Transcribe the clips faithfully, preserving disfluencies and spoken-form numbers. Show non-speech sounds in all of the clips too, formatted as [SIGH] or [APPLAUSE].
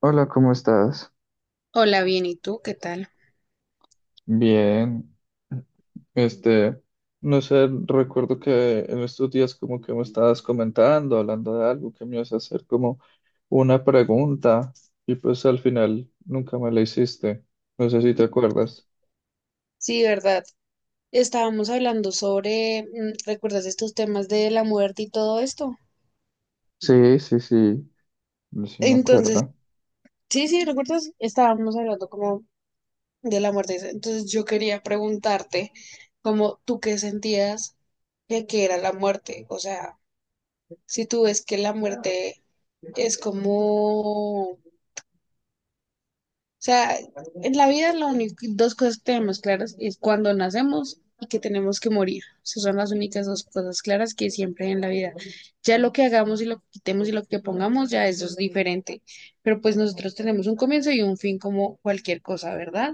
Hola, ¿cómo estás? Hola, bien, ¿y tú qué tal? Bien, este, no sé, recuerdo que en estos días como que me estabas comentando, hablando de algo, que me ibas a hacer como una pregunta y pues al final nunca me la hiciste. No sé si te acuerdas. Sí, ¿verdad? Estábamos hablando sobre, mm, ¿recuerdas estos temas de la muerte y todo esto? Sí, sí, sí. No sé si me Entonces, acuerdo. sí, sí, ¿recuerdas? Estábamos hablando como de la muerte. Entonces yo quería preguntarte, como tú qué sentías de que era la muerte, o sea, si tú ves que la muerte es como, o sea, en la vida las único, dos cosas que tenemos claras es cuando nacemos y que tenemos que morir. Esas son las únicas dos cosas claras que siempre hay en la vida. Ya lo que hagamos y lo que quitemos y lo que pongamos, ya eso es diferente. Pero pues nosotros tenemos un comienzo y un fin como cualquier cosa, ¿verdad?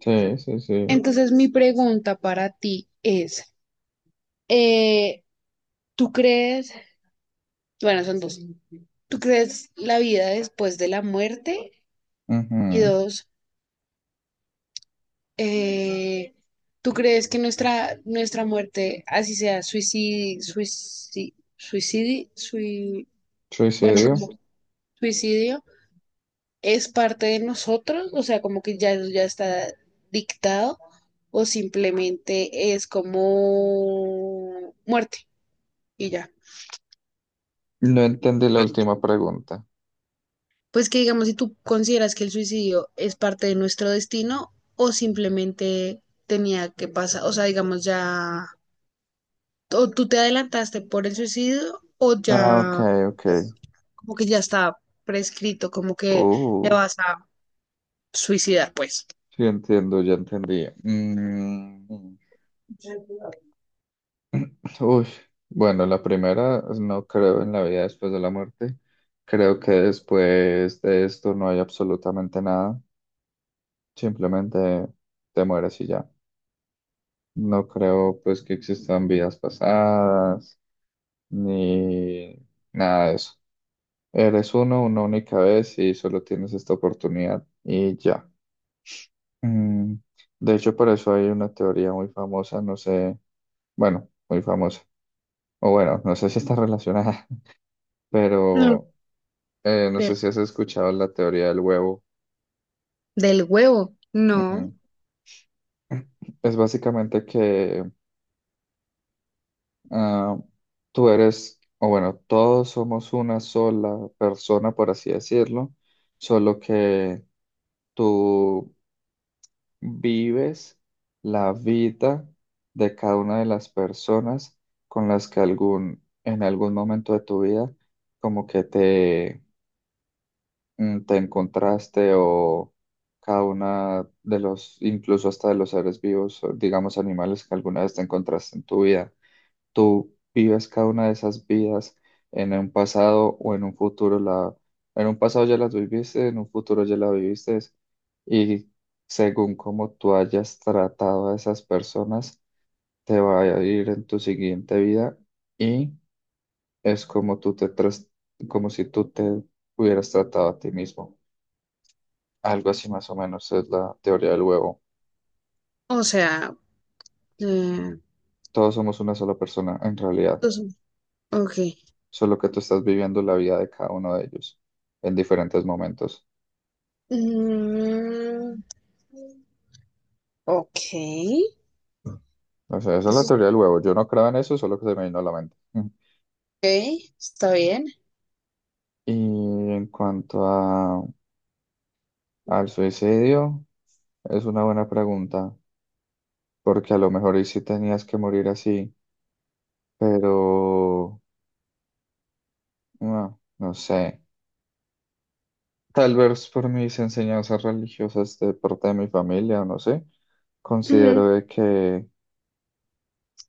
Sí, sí, sí. Entonces mi pregunta para ti es, eh, ¿tú crees, bueno, son dos? ¿Tú crees la vida después de la muerte? Y Ujú. dos, Eh, ¿tú crees que nuestra, nuestra muerte, así sea, suicidio, suicidio, suicidio, bueno, Suicidio. como suicidio, es parte de nosotros? O sea, como que ya, ya está dictado o simplemente es como muerte y ya. No entendí la última pregunta. Pues que digamos, si tú consideras que el suicidio es parte de nuestro destino o simplemente tenía que pasar, o sea, digamos, ya o tú te adelantaste por el suicidio o Ah, ok, ya ok. pues, como que ya está prescrito, como que te Uh, vas a suicidar, pues. sí entiendo, ya entendí. Mm. Uy, bueno, la primera pues, no creo en la vida después de la muerte. Creo que después de esto no hay absolutamente nada. Simplemente te mueres y ya. No creo pues que existan vidas pasadas ni nada de eso. Eres uno una única vez y solo tienes esta oportunidad y ya. Mm, De hecho, por eso hay una teoría muy famosa, no sé, bueno, muy famosa. O bueno, no sé si está relacionada, [LAUGHS] Mm, pero eh, no pero sé si has escuchado la teoría del huevo. del huevo, no. Ujú. Es básicamente que ah, tú eres, o bueno, todos somos una sola persona, por así decirlo, solo que tú vives la vida de cada una de las personas con las que algún, en algún momento de tu vida, como que te mm, te encontraste, o cada una de los, incluso hasta de los seres vivos, o digamos animales que alguna vez te encontraste en tu vida. Tú vives cada una de esas vidas en un pasado o en un futuro. La, en un pasado ya las viviste, en un futuro ya la viviste. Y según cómo tú hayas tratado a esas personas, te va a ir en tu siguiente vida y es como tú te tras- como si tú te hubieras tratado a ti mismo. Algo así más o menos es la teoría del huevo. O sea, eh, Todos somos una sola persona en realidad, pues, ok. solo que tú estás viviendo la vida de cada uno de ellos en diferentes momentos. Mm, ok. O sea, esa es la Eso es teoría del huevo. Yo no creo en eso, solo que se me vino a la mente. [LAUGHS] Mm. ok, está bien. Y en cuanto a, al suicidio, es una buena pregunta, porque a lo mejor y sí tenías que morir así, pero no, no sé. Tal vez por mis enseñanzas religiosas de parte de mi familia, no sé, Ujú. considero de que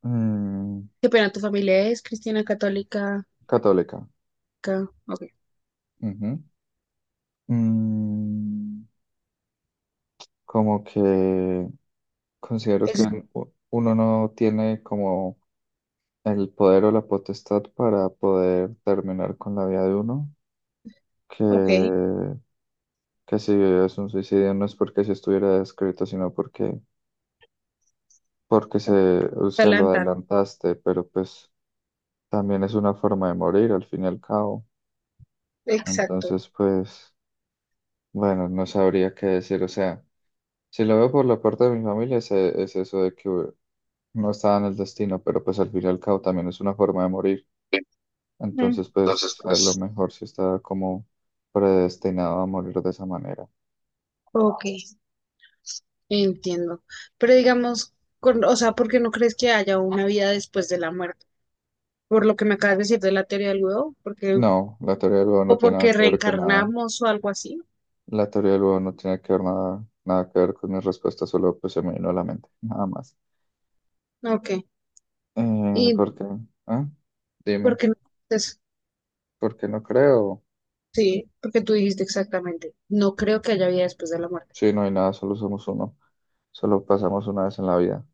Mm, Qué pena, tu familia es cristiana católica. católica. ca- Ok. Ujú. Mm, como que considero que Eso es- u- uno no tiene como el poder o la potestad para poder terminar con la vida de uno, que, ok. que si es un suicidio no es porque se estuviera escrito, sino porque, porque se, o sea, lo Adelantar. adelantaste, pero pues también es una forma de morir al fin y al cabo. Exacto. Entonces, pues, bueno, no sabría qué decir, o sea. Si lo veo por la parte de mi familia, es, e- es eso de que no estaba en el destino, pero pues al fin y al cabo también es una forma de morir. Ujú. Entonces, pues a lo mejor sí está como predestinado a morir de esa manera. Ok. Entiendo. Pero digamos, con- o sea, ¿por qué no crees que haya una vida después de la muerte? Por lo que me acabas de decir de la teoría del huevo, porque, No, la teoría del huevo o no tiene nada porque que ver con nada. reencarnamos o algo así. La teoría del huevo no tiene que ver nada, nada que ver con mi respuesta, solo pues se me vino a la mente, nada más. Ok. Eh, ¿Y ¿por qué? ¿Ah? por Dime, qué no? Entonces, ¿por qué no creo? sí, porque tú dijiste exactamente. No creo que haya vida después de la muerte. Sí, no hay nada, solo somos uno. Solo pasamos una vez en la vida.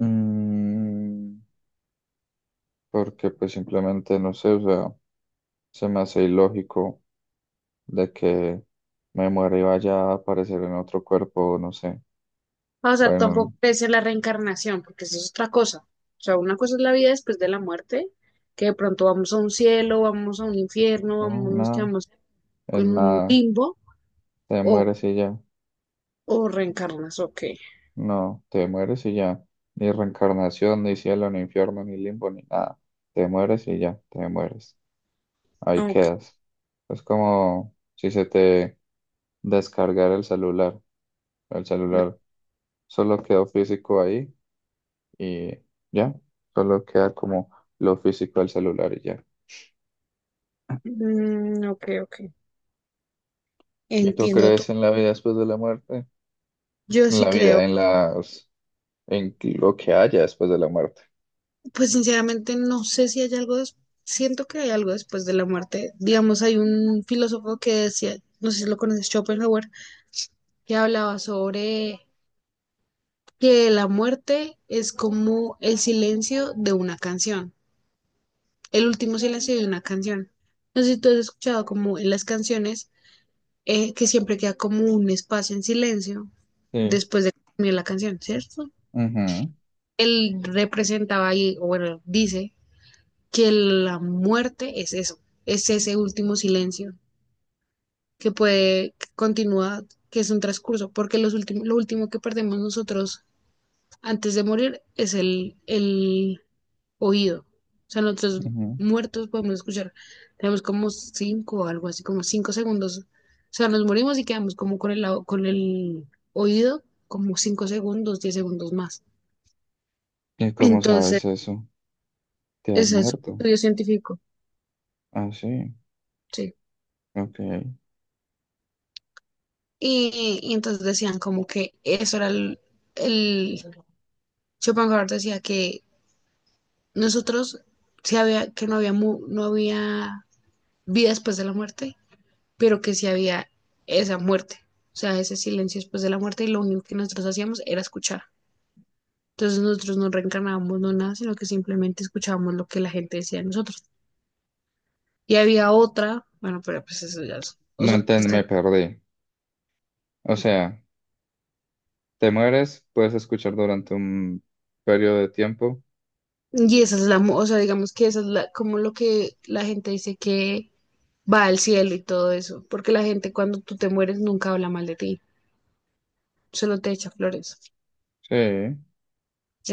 Mm, porque pues simplemente no sé, o sea, se me hace ilógico de que me muera y vaya a aparecer en otro cuerpo, no sé, O sea, tampoco bueno, crees en la reencarnación, porque eso es otra cosa. O sea, una cosa es la vida después de la muerte, que de pronto vamos a un cielo, vamos a un infierno, no, vamos, nos nada, quedamos en en un nada, limbo, te o, mueres y ya, o reencarnas, ok. no, te mueres y ya, ni reencarnación, ni cielo, ni infierno, ni limbo, ni nada, te mueres y ya, te mueres, ahí Ok, quedas. Es como si se te descargara el celular, el celular solo quedó físico ahí y ya, solo queda como lo físico del celular y ya. mm, ok, ok. ¿Y tú Entiendo todo. crees en la vida después de la muerte? Yo En sí la creo, vida, en las, en lo que haya después de la muerte. pues sinceramente no sé si hay algo, des- siento que hay algo después de la muerte. Digamos, hay un filósofo que decía, no sé si lo conoces, Schopenhauer, que hablaba sobre que la muerte es como el silencio de una canción, el último silencio de una canción. No sé si tú has escuchado como en las canciones eh, que siempre queda como un espacio en silencio Sí. después de que termina la canción, ¿cierto? Ujú, Él representaba ahí, o bueno, dice que la muerte es eso, es ese último silencio que puede continuar, que es un transcurso, porque los últimos, lo último que perdemos nosotros antes de morir es el, el oído. O sea, nosotros ujú. muertos podemos escuchar, tenemos como cinco o algo así, como cinco segundos. O sea, nos morimos y quedamos como con el, con el oído como cinco segundos, diez segundos más. ¿Y cómo Entonces, sabes eso? ¿Te has ese es un muerto? estudio científico, Ah, sí. sí. Ok. Y, y entonces decían como que eso era el, el Schopenhauer decía que nosotros sí había, que no había mu- no había vida después de la muerte, pero que sí había esa muerte, o sea, ese silencio después de la muerte, y lo único que nosotros hacíamos era escuchar. Entonces nosotros no reencarnábamos, no nada, sino que simplemente escuchábamos lo que la gente decía de nosotros. Y había otra, bueno, pero pues eso ya es, o No sea, entiendo, está- me perdí. O sea, te mueres, puedes escuchar durante un periodo de tiempo. y esa es la, mu- o sea, digamos que esa es la, como lo que la gente dice que va al cielo y todo eso, porque la gente cuando tú te mueres nunca habla mal de ti, solo te echa flores. Sí.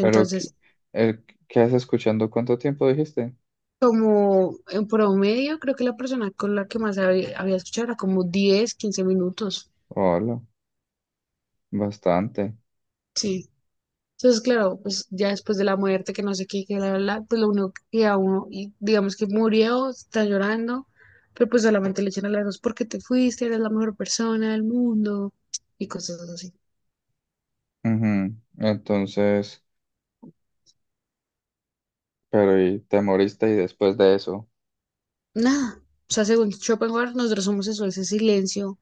Pero, ¿qué, el- qué haces escuchando? ¿Cuánto tiempo dijiste? como en promedio, creo que la persona con la que más había, había escuchado era como diez quince minutos. Hola, bastante. Sí. Entonces, claro, pues ya después de la muerte, que no sé qué, que la, la, la, pues lo único que a uno, y digamos que murió, está llorando, pero pues solamente le echan a las dos porque te fuiste, eres la mejor persona del mundo y cosas así. Ujú, entonces, pero y te moriste y después de eso, Nada. O sea, según Schopenhauer, nosotros somos eso, ese silencio.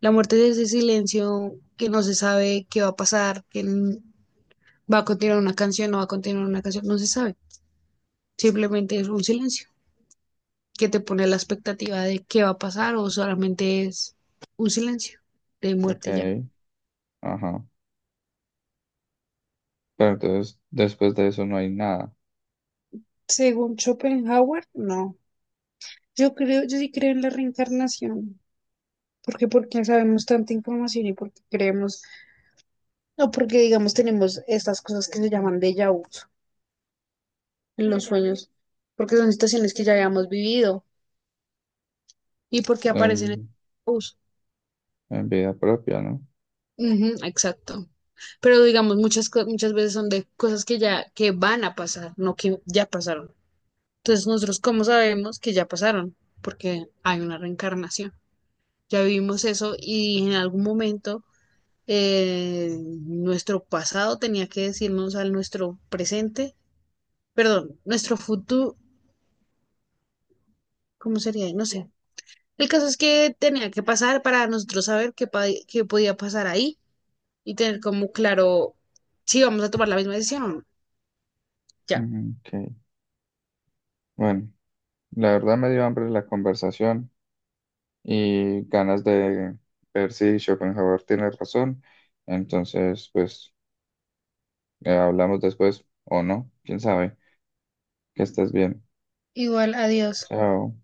La muerte es ese silencio que no se sabe qué va a pasar, que n- va a continuar una canción, no va a continuar una canción, no se sabe. Simplemente es un silencio que te pone la expectativa de qué va a pasar o solamente es un silencio de ok, muerte y ya. ajá, pero entonces después de eso no hay nada Según Schopenhauer, no. Yo creo, yo sí creo en la reencarnación. Porque, porque sabemos tanta información y porque creemos, no porque digamos tenemos estas cosas que se llaman déjà vu en los sueños, porque son situaciones que ya habíamos vivido y porque aparecen en en, uso. en vida propia, ¿no? Ujú, exacto. Pero digamos, muchas, co- muchas veces son de cosas que ya que van a pasar, no que ya pasaron. Entonces, nosotros, ¿cómo sabemos que ya pasaron? Porque hay una reencarnación. Ya vivimos eso y en algún momento eh, nuestro pasado tenía que decirnos al nuestro presente, perdón, nuestro futuro, ¿cómo sería? No sé. El caso es que tenía que pasar para nosotros saber qué, pa- qué podía pasar ahí y tener como claro si vamos a tomar la misma decisión o no. Ya. Ujú, ok, bueno, la verdad me dio hambre la conversación y ganas de ver si Schopenhauer tiene razón, entonces pues eh, hablamos después o no, quién sabe, que estés bien, Igual, adiós. chao.